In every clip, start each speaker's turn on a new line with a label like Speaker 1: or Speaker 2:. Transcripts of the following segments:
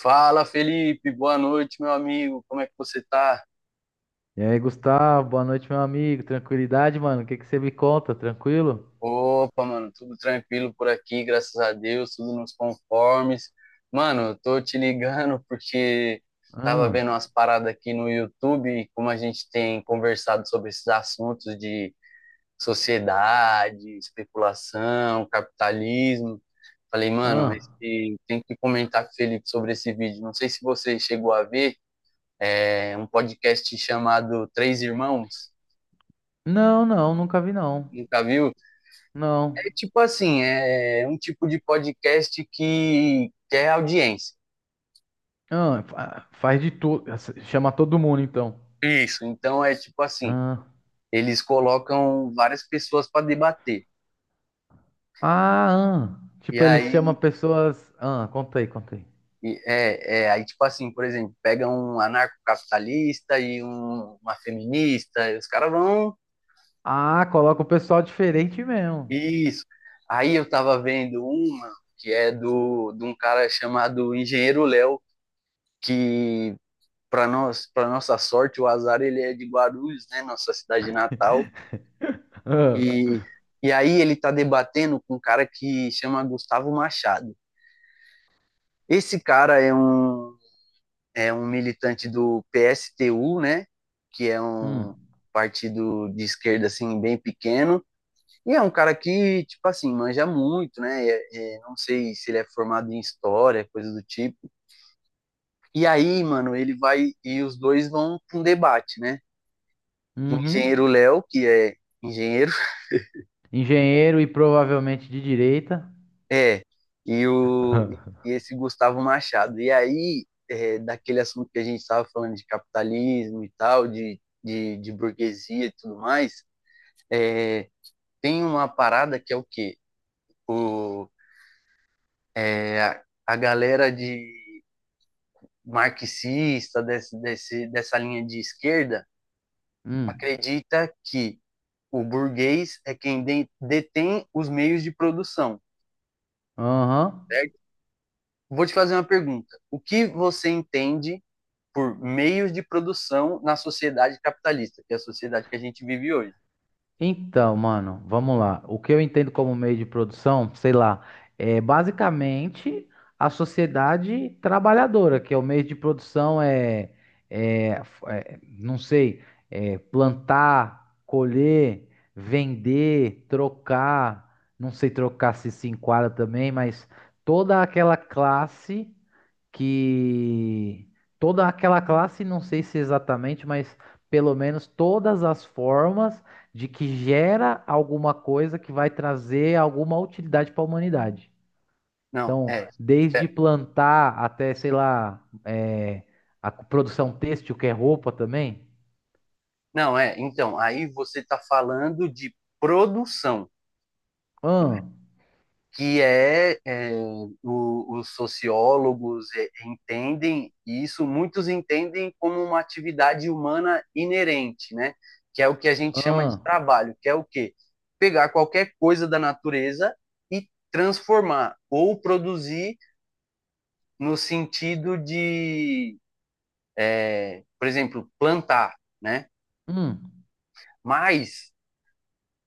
Speaker 1: Fala, Felipe, boa noite, meu amigo. Como é que você tá?
Speaker 2: E aí, Gustavo, boa noite, meu amigo. Tranquilidade, mano? O que que você me conta? Tranquilo?
Speaker 1: Opa, mano, tudo tranquilo por aqui, graças a Deus, tudo nos conformes. Mano, eu tô te ligando porque tava
Speaker 2: Ah,
Speaker 1: vendo umas paradas aqui no YouTube, e como a gente tem conversado sobre esses assuntos de sociedade, especulação, capitalismo. Falei, mano,
Speaker 2: ah.
Speaker 1: tem que comentar com o Felipe sobre esse vídeo. Não sei se você chegou a ver, é um podcast chamado Três Irmãos.
Speaker 2: Não, não, nunca vi, não.
Speaker 1: Nunca viu?
Speaker 2: Não.
Speaker 1: É tipo assim, é um tipo de podcast que quer audiência.
Speaker 2: Faz de tudo. Chama todo mundo, então.
Speaker 1: Isso. Então é tipo assim,
Speaker 2: Ah,
Speaker 1: eles colocam várias pessoas para debater.
Speaker 2: ah, ah.
Speaker 1: E
Speaker 2: Tipo, eles chamam
Speaker 1: aí
Speaker 2: pessoas. Ah, conta aí, conta aí.
Speaker 1: aí tipo assim, por exemplo, pega um anarcocapitalista e uma feminista, e os caras vão
Speaker 2: Ah, coloca o pessoal diferente mesmo.
Speaker 1: isso. Aí eu tava vendo uma que é do de um cara chamado Engenheiro Léo, que para nós, para nossa sorte, o azar ele é de Guarulhos, né, nossa cidade natal.
Speaker 2: Ah.
Speaker 1: E, e aí ele tá debatendo com um cara que chama Gustavo Machado. Esse cara é é um militante do PSTU, né? Que é um
Speaker 2: Hum.
Speaker 1: partido de esquerda, assim, bem pequeno. E é um cara que, tipo assim, manja muito, né? Não sei se ele é formado em história, coisa do tipo. E aí, mano, ele vai... E os dois vão pra um debate, né? O
Speaker 2: Uhum.
Speaker 1: engenheiro Léo, que é engenheiro,
Speaker 2: Engenheiro e provavelmente de direita.
Speaker 1: é, e, o, e esse Gustavo Machado. E aí, é, daquele assunto que a gente estava falando de capitalismo e tal, de burguesia e tudo mais, é, tem uma parada que é o quê? O, a galera de marxista, dessa linha de esquerda,
Speaker 2: Hum.
Speaker 1: acredita que o burguês é quem detém os meios de produção,
Speaker 2: Aham.
Speaker 1: certo? Vou te fazer uma pergunta. O que você entende por meios de produção na sociedade capitalista, que é a sociedade que a gente vive hoje.
Speaker 2: Então, mano, vamos lá. O que eu entendo como meio de produção, sei lá, é basicamente a sociedade trabalhadora, que é o meio de produção não sei, é plantar, colher, vender, trocar, não sei trocar se enquadra também, mas toda aquela classe que toda aquela classe, não sei se exatamente, mas pelo menos todas as formas de que gera alguma coisa que vai trazer alguma utilidade para a humanidade.
Speaker 1: Não,
Speaker 2: Então,
Speaker 1: é.
Speaker 2: desde
Speaker 1: é
Speaker 2: plantar até, sei lá, a produção têxtil, que é roupa também.
Speaker 1: não, é. Então, aí você está falando de produção,
Speaker 2: Ahn,
Speaker 1: que é os sociólogos entendem isso, muitos entendem como uma atividade humana inerente, né? Que é o que a gente chama de
Speaker 2: ahn,
Speaker 1: trabalho, que é o quê? Pegar qualquer coisa da natureza e transformar ou produzir no sentido de, por exemplo, plantar, né?
Speaker 2: hum,
Speaker 1: Mas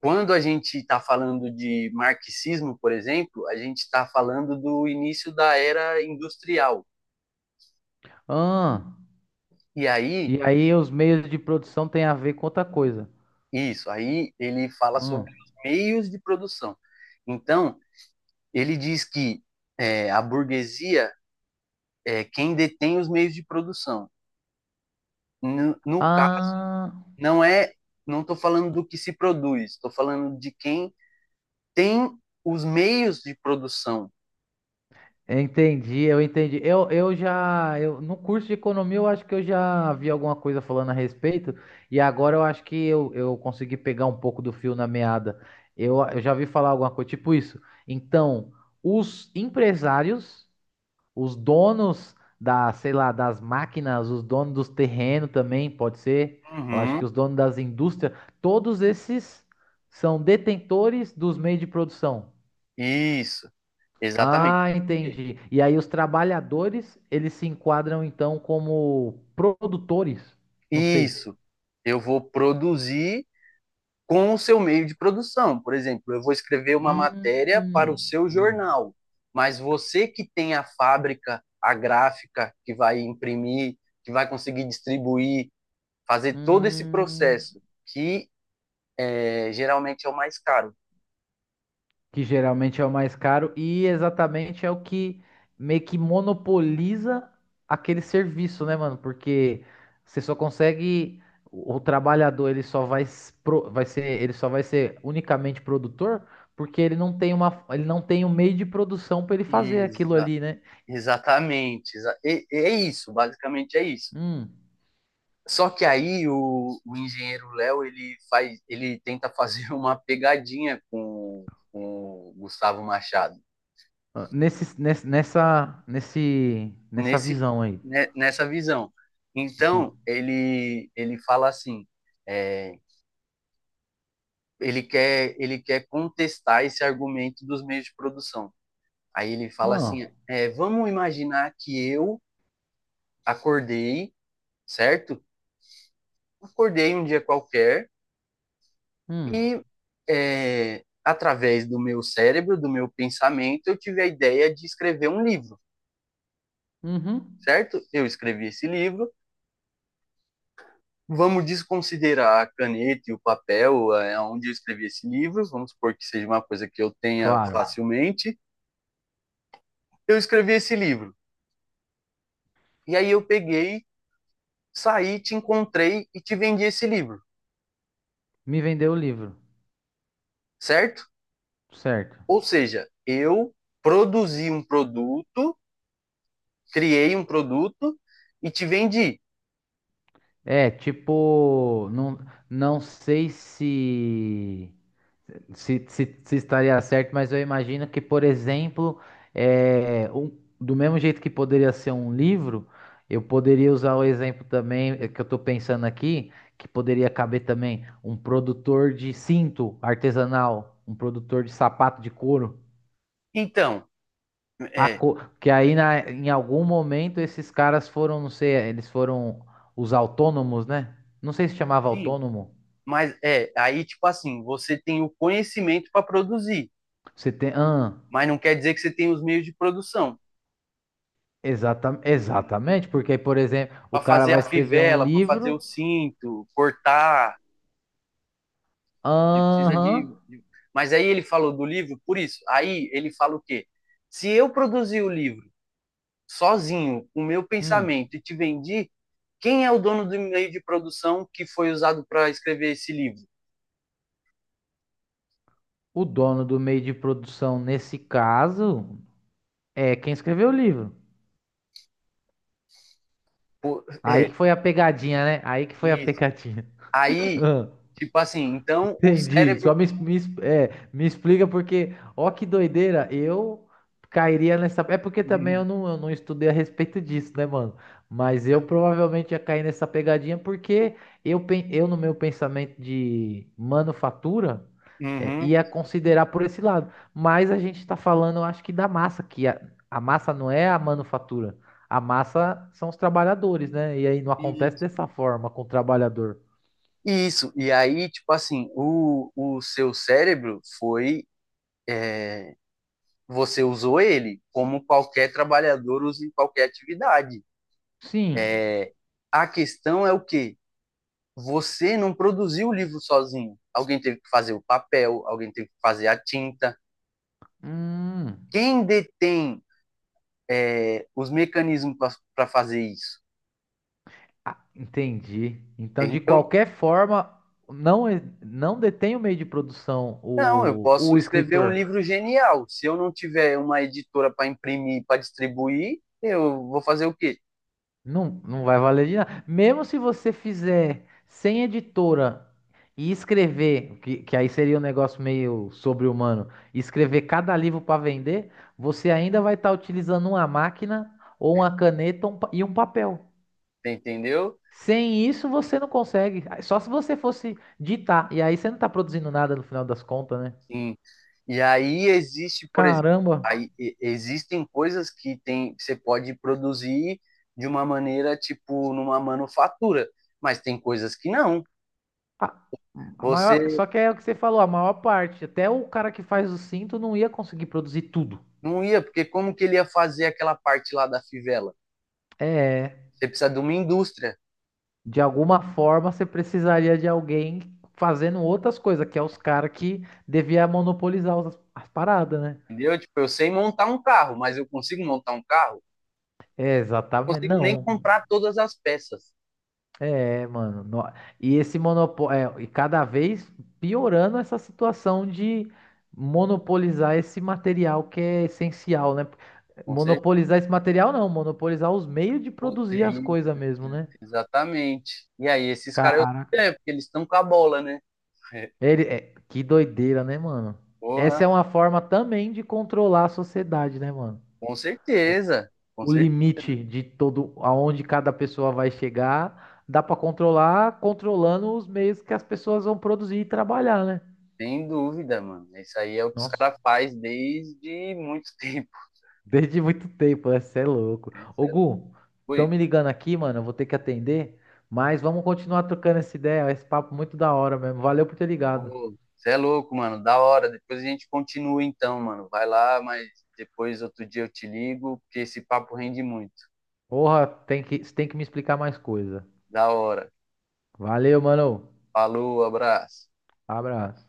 Speaker 1: quando a gente está falando de marxismo, por exemplo, a gente está falando do início da era industrial.
Speaker 2: ahn.
Speaker 1: E aí,
Speaker 2: E aí os meios de produção têm a ver com outra coisa.
Speaker 1: isso, aí ele fala sobre
Speaker 2: Ahn.
Speaker 1: os meios de produção. Então, ele diz que é, a burguesia é quem detém os meios de produção. No caso,
Speaker 2: Ah,
Speaker 1: não é, não estou falando do que se produz, estou falando de quem tem os meios de produção.
Speaker 2: entendi, eu entendi. No curso de economia, eu acho que eu já vi alguma coisa falando a respeito, e agora eu acho que eu consegui pegar um pouco do fio na meada. Eu já vi falar alguma coisa tipo isso. Então, os empresários, os donos da, sei lá, das máquinas, os donos dos terrenos também, pode ser. Eu acho
Speaker 1: Uhum,
Speaker 2: que os donos das indústrias, todos esses são detentores dos meios de produção.
Speaker 1: isso. Exatamente.
Speaker 2: Ah,
Speaker 1: Por quê?
Speaker 2: entendi. E aí os trabalhadores, eles se enquadram então como produtores? Não sei.
Speaker 1: Isso. Eu vou produzir com o seu meio de produção. Por exemplo, eu vou escrever uma matéria para o
Speaker 2: Hum,
Speaker 1: seu
Speaker 2: hum,
Speaker 1: jornal, mas você que tem a fábrica, a gráfica, que vai imprimir, que vai conseguir distribuir, fazer todo esse
Speaker 2: hum.
Speaker 1: processo, que é, geralmente é o mais caro.
Speaker 2: Que geralmente é o mais caro, e exatamente é o que meio que monopoliza aquele serviço, né, mano? Porque você só consegue o trabalhador, ele só vai ser unicamente produtor porque ele não tem ele não tem um meio de produção para ele fazer aquilo
Speaker 1: Exa-
Speaker 2: ali, né?
Speaker 1: exatamente. É isso, basicamente é isso.
Speaker 2: Hum.
Speaker 1: Só que aí o engenheiro Léo ele tenta fazer uma pegadinha com o Gustavo Machado
Speaker 2: Ah, nessa
Speaker 1: nesse
Speaker 2: visão aí.
Speaker 1: né, nessa visão.
Speaker 2: Hum.
Speaker 1: Então ele fala assim, é, ele quer contestar esse argumento dos meios de produção. Aí ele fala
Speaker 2: Ah,
Speaker 1: assim, é, vamos imaginar que eu acordei, certo? Acordei um dia qualquer
Speaker 2: hum,
Speaker 1: e é, através do meu cérebro, do meu pensamento, eu tive a ideia de escrever um livro,
Speaker 2: uhum.
Speaker 1: certo? Eu escrevi esse livro. Vamos desconsiderar a caneta e o papel, é, onde eu escrevi esse livro. Vamos supor que seja uma coisa que eu tenha
Speaker 2: Claro.
Speaker 1: facilmente. Eu escrevi esse livro. E aí eu peguei, saí, te encontrei e te vendi esse livro,
Speaker 2: Me vendeu o livro.
Speaker 1: certo?
Speaker 2: Certo.
Speaker 1: Ou seja, eu produzi um produto, criei um produto e te vendi.
Speaker 2: É, tipo, não, não sei se, se estaria certo, mas eu imagino que, por exemplo, é, um- do mesmo jeito que poderia ser um livro, eu poderia usar o exemplo também que eu estou pensando aqui, que poderia caber também um produtor de cinto artesanal, um produtor de sapato de couro.
Speaker 1: Então,
Speaker 2: A
Speaker 1: é,
Speaker 2: co- Que aí na- Em algum momento esses caras foram, não sei, eles foram os autônomos, né? Não sei se chamava
Speaker 1: sim,
Speaker 2: autônomo.
Speaker 1: mas é, aí tipo assim, você tem o conhecimento para produzir,
Speaker 2: Você tem. Ah,
Speaker 1: mas não quer dizer que você tem os meios de produção. Né?
Speaker 2: exatamente, porque aí, por exemplo, o
Speaker 1: Para
Speaker 2: cara
Speaker 1: fazer
Speaker 2: vai
Speaker 1: a
Speaker 2: escrever um
Speaker 1: fivela, para fazer o
Speaker 2: livro.
Speaker 1: cinto, cortar, você precisa
Speaker 2: Aham.
Speaker 1: de. Mas aí ele falou do livro por isso. Aí ele fala o quê? Se eu produzir o livro sozinho, com o meu
Speaker 2: Hum,
Speaker 1: pensamento, e te vendi, quem é o dono do meio de produção que foi usado para escrever esse livro?
Speaker 2: o dono do meio de produção, nesse caso, é quem escreveu o livro.
Speaker 1: Pô,
Speaker 2: Aí
Speaker 1: é,
Speaker 2: que foi a pegadinha, né? Aí que foi a
Speaker 1: isso.
Speaker 2: pegadinha.
Speaker 1: Aí, tipo assim, então o
Speaker 2: Entendi. Só
Speaker 1: cérebro.
Speaker 2: me, es- é, Me explica porque, ó, que doideira, eu cairia nessa. É porque também eu não estudei a respeito disso, né, mano? Mas eu provavelmente ia cair nessa pegadinha porque eu no meu pensamento de manufatura,
Speaker 1: Uhum.
Speaker 2: ia considerar por esse lado. Mas a gente tá falando, eu acho que da massa, a massa não é a manufatura. A massa são os trabalhadores, né? E aí não
Speaker 1: E-
Speaker 2: acontece dessa forma com o trabalhador.
Speaker 1: isso, e aí, tipo assim, o seu cérebro foi, você usou ele, como qualquer trabalhador usa em qualquer atividade.
Speaker 2: Sim.
Speaker 1: É, a questão é o quê? Você não produziu o livro sozinho. Alguém teve que fazer o papel, alguém teve que fazer a tinta.
Speaker 2: Hum.
Speaker 1: Quem detém, é, os mecanismos para fazer isso?
Speaker 2: Ah, entendi. Então, de
Speaker 1: Entendeu?
Speaker 2: qualquer forma, não detém o meio de produção
Speaker 1: Não, eu posso
Speaker 2: o
Speaker 1: escrever um
Speaker 2: escritor.
Speaker 1: livro genial. Se eu não tiver uma editora para imprimir, para distribuir, eu vou fazer o quê?
Speaker 2: Não, não vai valer de nada. Mesmo se você fizer sem editora e escrever, que aí seria um negócio meio sobre-humano, e escrever cada livro para vender, você ainda vai estar utilizando uma máquina ou uma caneta e um papel.
Speaker 1: Entendeu?
Speaker 2: Sem isso, você não consegue. Só se você fosse ditar. E aí você não está produzindo nada no final das contas, né?
Speaker 1: Sim. E aí existe, por exemplo,
Speaker 2: Caramba.
Speaker 1: existem coisas que tem, você pode produzir de uma maneira, tipo, numa manufatura, mas tem coisas que não.
Speaker 2: A, a
Speaker 1: Você
Speaker 2: maior, só que é o que você falou, a maior parte. Até o cara que faz o cinto não ia conseguir produzir tudo.
Speaker 1: não ia, porque como que ele ia fazer aquela parte lá da fivela?
Speaker 2: É,
Speaker 1: Você precisa de uma indústria,
Speaker 2: de alguma forma você precisaria de alguém fazendo outras coisas, que é os caras que devia monopolizar as paradas, né?
Speaker 1: entendeu? Tipo, eu sei montar um carro, mas eu consigo montar um carro?
Speaker 2: É,
Speaker 1: Não
Speaker 2: exatamente.
Speaker 1: consigo nem
Speaker 2: Não.
Speaker 1: comprar todas as peças.
Speaker 2: É, mano. E esse monopólio, e cada vez piorando essa situação de monopolizar esse material que é essencial, né?
Speaker 1: Com certeza.
Speaker 2: Monopolizar esse material não, monopolizar os meios de produzir as
Speaker 1: Ex-
Speaker 2: coisas mesmo, né?
Speaker 1: Exatamente. E aí, esses caras, eu
Speaker 2: Caraca.
Speaker 1: sei, né? Porque eles estão com a bola, né?
Speaker 2: Ele... Que doideira, né, mano?
Speaker 1: Porra,
Speaker 2: Essa é uma forma também de controlar a sociedade, né, mano?
Speaker 1: com
Speaker 2: O,
Speaker 1: certeza, com
Speaker 2: o
Speaker 1: certeza,
Speaker 2: limite de todo, aonde cada pessoa vai chegar, dá pra controlar, controlando os meios que as pessoas vão produzir e trabalhar, né?
Speaker 1: sem dúvida, mano. Isso aí é o que os
Speaker 2: Nossa,
Speaker 1: caras fazem desde muito tempo.
Speaker 2: desde muito tempo, né? Cê é louco.
Speaker 1: Cê
Speaker 2: Ô,
Speaker 1: é
Speaker 2: Gu,
Speaker 1: ui,
Speaker 2: estão me ligando aqui, mano. Eu vou ter que atender. Mas vamos continuar trocando essa ideia. Esse papo muito da hora mesmo. Valeu por ter ligado.
Speaker 1: pô, cê é louco, mano. Da hora. Depois a gente continua então, mano. Vai lá, mas depois outro dia eu te ligo, porque esse papo rende muito.
Speaker 2: Porra, tem que, cê tem que me explicar mais coisa.
Speaker 1: Da hora.
Speaker 2: Valeu, mano.
Speaker 1: Falou, abraço.
Speaker 2: Abraço.